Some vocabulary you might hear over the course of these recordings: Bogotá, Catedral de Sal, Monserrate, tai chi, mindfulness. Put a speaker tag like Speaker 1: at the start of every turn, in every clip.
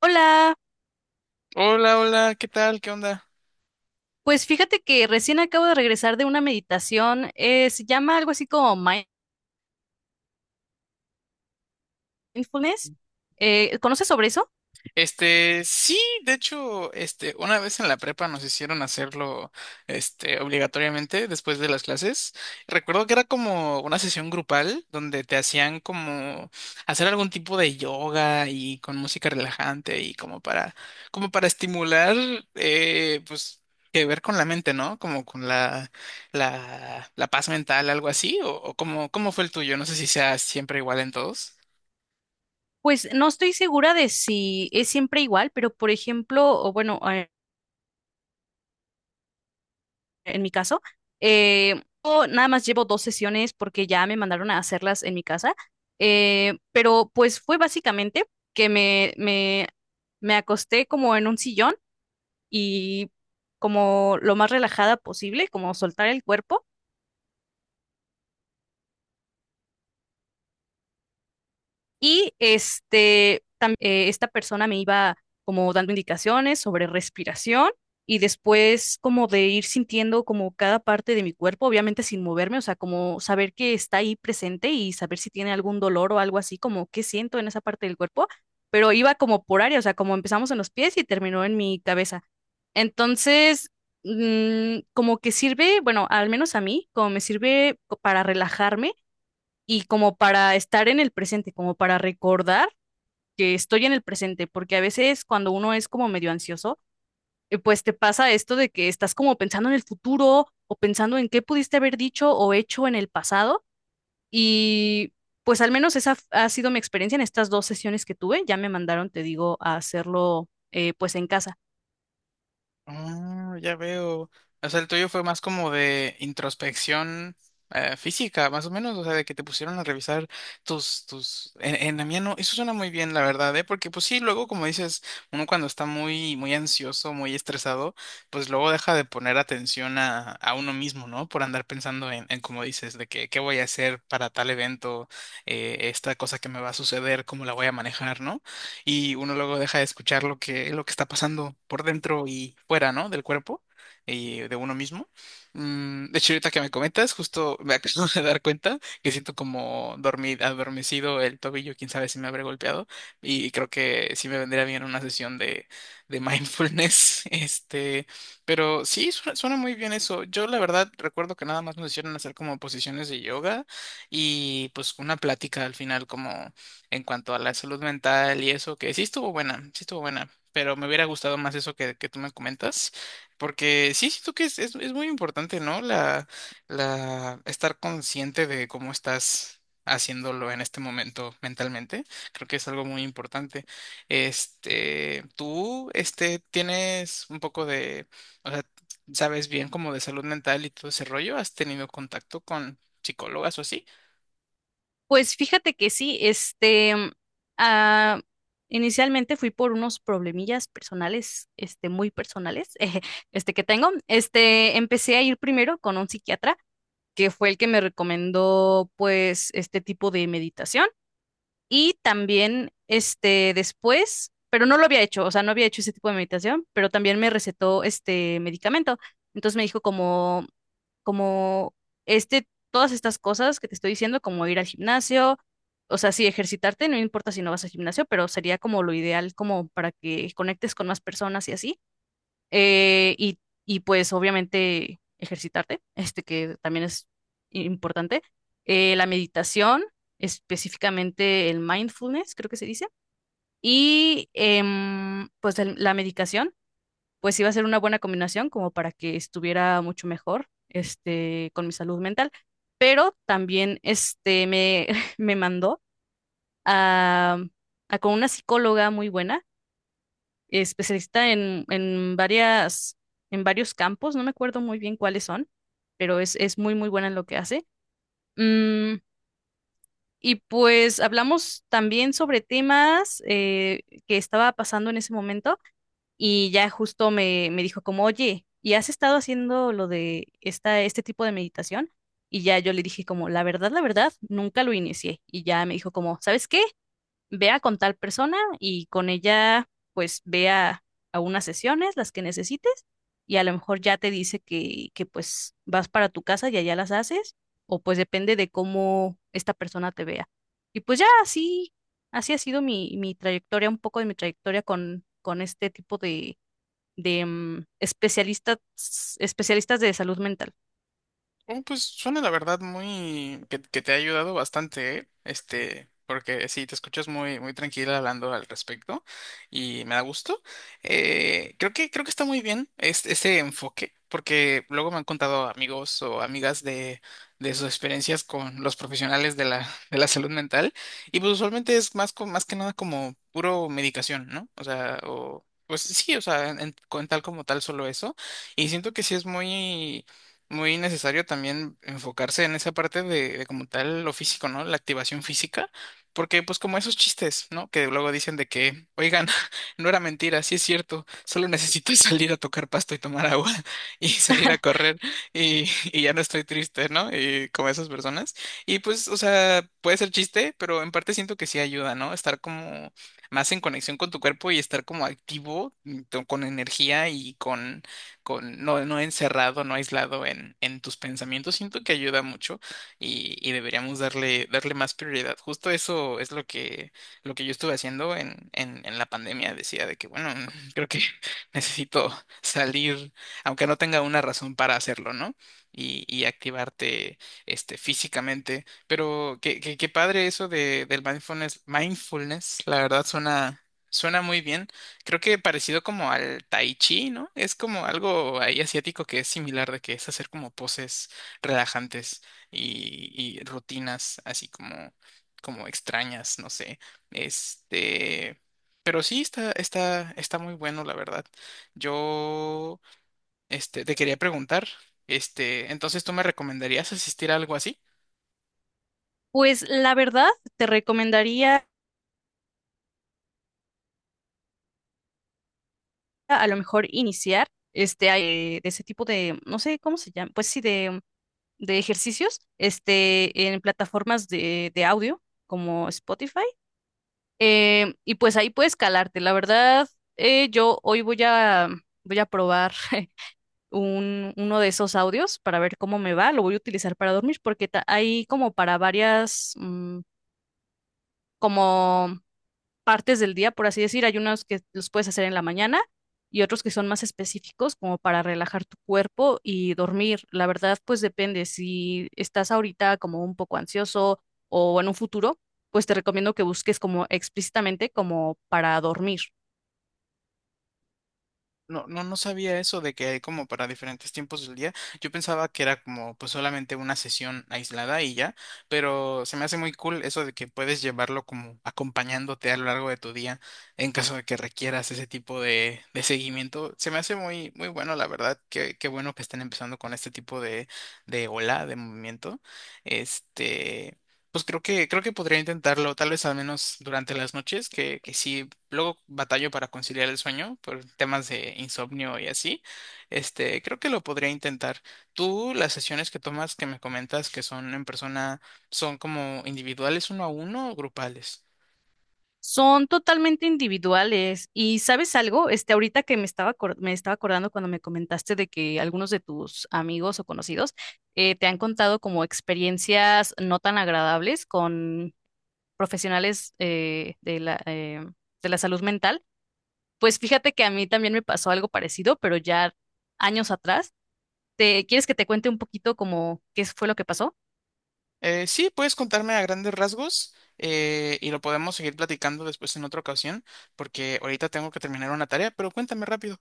Speaker 1: Hola,
Speaker 2: Hola, hola, ¿qué tal? ¿Qué onda?
Speaker 1: pues fíjate que recién acabo de regresar de una meditación, se llama algo así como mindfulness. ¿Conoces sobre eso?
Speaker 2: Sí, de hecho, una vez en la prepa nos hicieron hacerlo, obligatoriamente después de las clases. Recuerdo que era como una sesión grupal donde te hacían como hacer algún tipo de yoga y con música relajante y como para estimular, pues, que ver con la mente, ¿no? Como con la paz mental, algo así, o cómo, cómo fue el tuyo. No sé si sea siempre igual en todos.
Speaker 1: Pues no estoy segura de si es siempre igual, pero por ejemplo, o bueno, en mi caso, yo nada más llevo dos sesiones porque ya me mandaron a hacerlas en mi casa, pero pues fue básicamente que me acosté como en un sillón y como lo más relajada posible, como soltar el cuerpo. Y esta persona me iba como dando indicaciones sobre respiración y después como de ir sintiendo como cada parte de mi cuerpo, obviamente sin moverme, o sea, como saber que está ahí presente y saber si tiene algún dolor o algo así, como qué siento en esa parte del cuerpo, pero iba como por área, o sea, como empezamos en los pies y terminó en mi cabeza. Entonces, como que sirve, bueno, al menos a mí, como me sirve para relajarme y como para estar en el presente, como para recordar que estoy en el presente, porque a veces cuando uno es como medio ansioso, pues te pasa esto de que estás como pensando en el futuro o pensando en qué pudiste haber dicho o hecho en el pasado y pues al menos esa ha sido mi experiencia en estas dos sesiones que tuve, ya me mandaron, te digo, a hacerlo pues en casa.
Speaker 2: Ah, ya veo. O sea, el tuyo fue más como de introspección física, más o menos, o sea, de que te pusieron a revisar en la mía no, eso suena muy bien, la verdad, ¿eh? Porque pues sí, luego, como dices, uno cuando está muy ansioso, muy estresado, pues luego deja de poner atención a uno mismo, ¿no? Por andar pensando como dices, de que qué voy a hacer para tal evento, esta cosa que me va a suceder, cómo la voy a manejar, ¿no? Y uno luego deja de escuchar lo que está pasando por dentro y fuera, ¿no? Del cuerpo y de uno mismo. De hecho, ahorita que me comentas, justo me acabo de dar cuenta que siento como dormir, adormecido el tobillo, quién sabe si me habré golpeado y creo que sí me vendría bien una sesión de mindfulness, pero sí, suena muy bien eso. Yo la verdad recuerdo que nada más nos hicieron hacer como posiciones de yoga y pues una plática al final en cuanto a la salud mental y eso, que sí estuvo buena, pero me hubiera gustado más eso que tú me comentas, porque sí siento que es muy importante, ¿no? La estar consciente de cómo estás haciéndolo en este momento mentalmente, creo que es algo muy importante. Tú, tienes un poco de, o sea, sabes bien como de salud mental y todo ese rollo, ¿has tenido contacto con psicólogas o así?
Speaker 1: Pues fíjate que sí, este, ah, inicialmente fui por unos problemillas personales, este, muy personales, este que tengo. Este, empecé a ir primero con un psiquiatra, que fue el que me recomendó, pues, este tipo de meditación. Y también, este, después, pero no lo había hecho, o sea, no había hecho ese tipo de meditación, pero también me recetó este medicamento. Entonces me dijo como, este, todas estas cosas que te estoy diciendo, como ir al gimnasio, o sea, sí, ejercitarte, no importa si no vas al gimnasio, pero sería como lo ideal, como para que conectes con más personas y así eh, y, y pues obviamente ejercitarte, este que también es importante. La meditación, específicamente el mindfulness, creo que se dice. Y pues la medicación, pues iba a ser una buena combinación como para que estuviera mucho mejor este, con mi salud mental. Pero también este, me mandó a, a con una psicóloga muy buena especialista en varias, en varios campos, no me acuerdo muy bien cuáles son, pero es muy buena en lo que hace. Mm, y pues hablamos también sobre temas que estaba pasando en ese momento y ya justo me dijo como, oye, ¿y has estado haciendo lo de este tipo de meditación? Y ya yo le dije como, la verdad, nunca lo inicié. Y ya me dijo como, ¿sabes qué? Vea con tal persona y con ella pues vea a unas sesiones, las que necesites, y a lo mejor ya te dice que pues vas para tu casa y allá las haces, o pues depende de cómo esta persona te vea. Y pues ya así ha sido mi trayectoria, un poco de mi trayectoria con este tipo de especialistas, especialistas de salud mental.
Speaker 2: Oh, pues suena la verdad muy que te ha ayudado bastante, ¿eh? Porque sí, te escuchas muy tranquila hablando al respecto y me da gusto. Eh, creo que está muy bien ese enfoque, porque luego me han contado amigos o amigas de sus experiencias con los profesionales de la salud mental, y pues usualmente es más, más que nada como puro medicación, ¿no? O sea, o pues sí, o sea, con tal como tal solo eso. Y siento que sí es muy necesario también enfocarse en esa parte de como tal lo físico, ¿no? La activación física, porque pues como esos chistes, ¿no? Que luego dicen de que, oigan, no era mentira, sí es cierto, solo necesito salir a tocar pasto y tomar agua y salir a correr y ya no estoy triste, ¿no? Y como esas personas. Y pues, o sea, puede ser chiste, pero en parte siento que sí ayuda, ¿no? Estar como más en conexión con tu cuerpo y estar como activo, con energía y con no, no encerrado, no aislado en tus pensamientos, siento que ayuda mucho y deberíamos darle más prioridad. Justo eso es lo que yo estuve haciendo en la pandemia. Decía de que, bueno, creo que necesito salir, aunque no tenga una razón para hacerlo, ¿no? Y activarte físicamente. Pero qué padre eso del mindfulness. Mindfulness, la verdad, suena muy bien. Creo que parecido como al tai chi, ¿no? Es como algo ahí asiático que es similar, de que es hacer como poses relajantes y rutinas así como extrañas, no sé. Este, pero sí está muy bueno, la verdad. Yo, te quería preguntar, entonces, ¿tú me recomendarías asistir a algo así?
Speaker 1: Pues la verdad, te recomendaría a lo mejor iniciar de ese tipo de, no sé cómo se llama, pues sí, de ejercicios, este, en plataformas de audio como Spotify. Y pues ahí puedes calarte. La verdad, yo hoy voy a probar uno de esos audios para ver cómo me va. Lo voy a utilizar para dormir porque hay como para varias, como partes del día, por así decir. Hay unos que los puedes hacer en la mañana y otros que son más específicos como para relajar tu cuerpo y dormir. La verdad, pues depende. Si estás ahorita como un poco ansioso o en un futuro, pues te recomiendo que busques como explícitamente como para dormir.
Speaker 2: No, no sabía eso de que hay como para diferentes tiempos del día. Yo pensaba que era como pues solamente una sesión aislada y ya, pero se me hace muy cool eso de que puedes llevarlo como acompañándote a lo largo de tu día en caso de que requieras ese tipo de seguimiento. Se me hace muy bueno, la verdad. Qué bueno que estén empezando con este tipo de ola, de movimiento. Este. Pues creo que podría intentarlo, tal vez al menos durante las noches, que sí, luego batallo para conciliar el sueño por temas de insomnio y así. Creo que lo podría intentar. Tú, las sesiones que tomas que me comentas que son en persona, ¿son como individuales uno a uno o grupales?
Speaker 1: Son totalmente individuales. Y sabes algo, este, ahorita que me estaba, me estaba acordando cuando me comentaste de que algunos de tus amigos o conocidos te han contado como experiencias no tan agradables con profesionales de la salud mental. Pues fíjate que a mí también me pasó algo parecido, pero ya años atrás. ¿Quieres que te cuente un poquito como qué fue lo que pasó?
Speaker 2: Sí, puedes contarme a grandes rasgos y lo podemos seguir platicando después en otra ocasión, porque ahorita tengo que terminar una tarea, pero cuéntame rápido.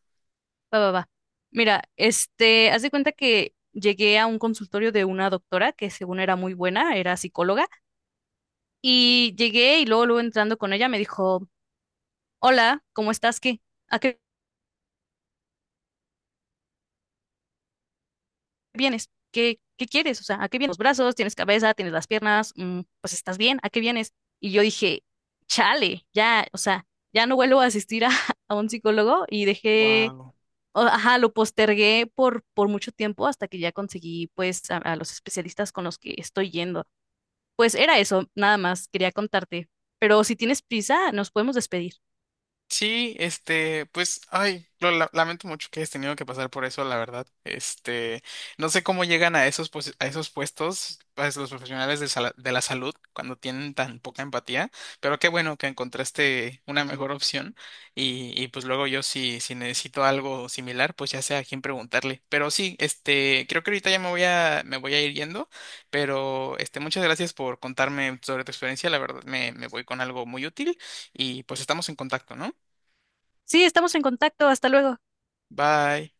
Speaker 1: Va, va, va. Mira, este, haz de cuenta que llegué a un consultorio de una doctora que según era muy buena, era psicóloga, y llegué y luego entrando con ella me dijo, hola, ¿cómo estás? ¿Qué? ¿A qué vienes? ¿Qué, qué quieres? O sea, ¿a qué vienes? Los brazos, tienes cabeza, tienes las piernas, pues estás bien, ¿a qué vienes? Y yo dije, chale, ya, o sea, ya no vuelvo a asistir a, a un psicólogo y dejé,
Speaker 2: Wow.
Speaker 1: ajá, lo postergué por mucho tiempo hasta que ya conseguí, pues, a los especialistas con los que estoy yendo. Pues era eso, nada más, quería contarte. Pero si tienes prisa, nos podemos despedir.
Speaker 2: Sí, pues, ay, lamento mucho que hayas tenido que pasar por eso, la verdad. No sé cómo llegan a esos, a esos puestos, pues, los profesionales de, de la salud cuando tienen tan poca empatía, pero qué bueno que encontraste una mejor opción y pues luego yo si necesito algo similar, pues ya sé a quién preguntarle. Pero sí, creo que ahorita ya me voy a ir yendo, pero muchas gracias por contarme sobre tu experiencia, la verdad me voy con algo muy útil y pues estamos en contacto, ¿no?
Speaker 1: Sí, estamos en contacto, hasta luego.
Speaker 2: Bye.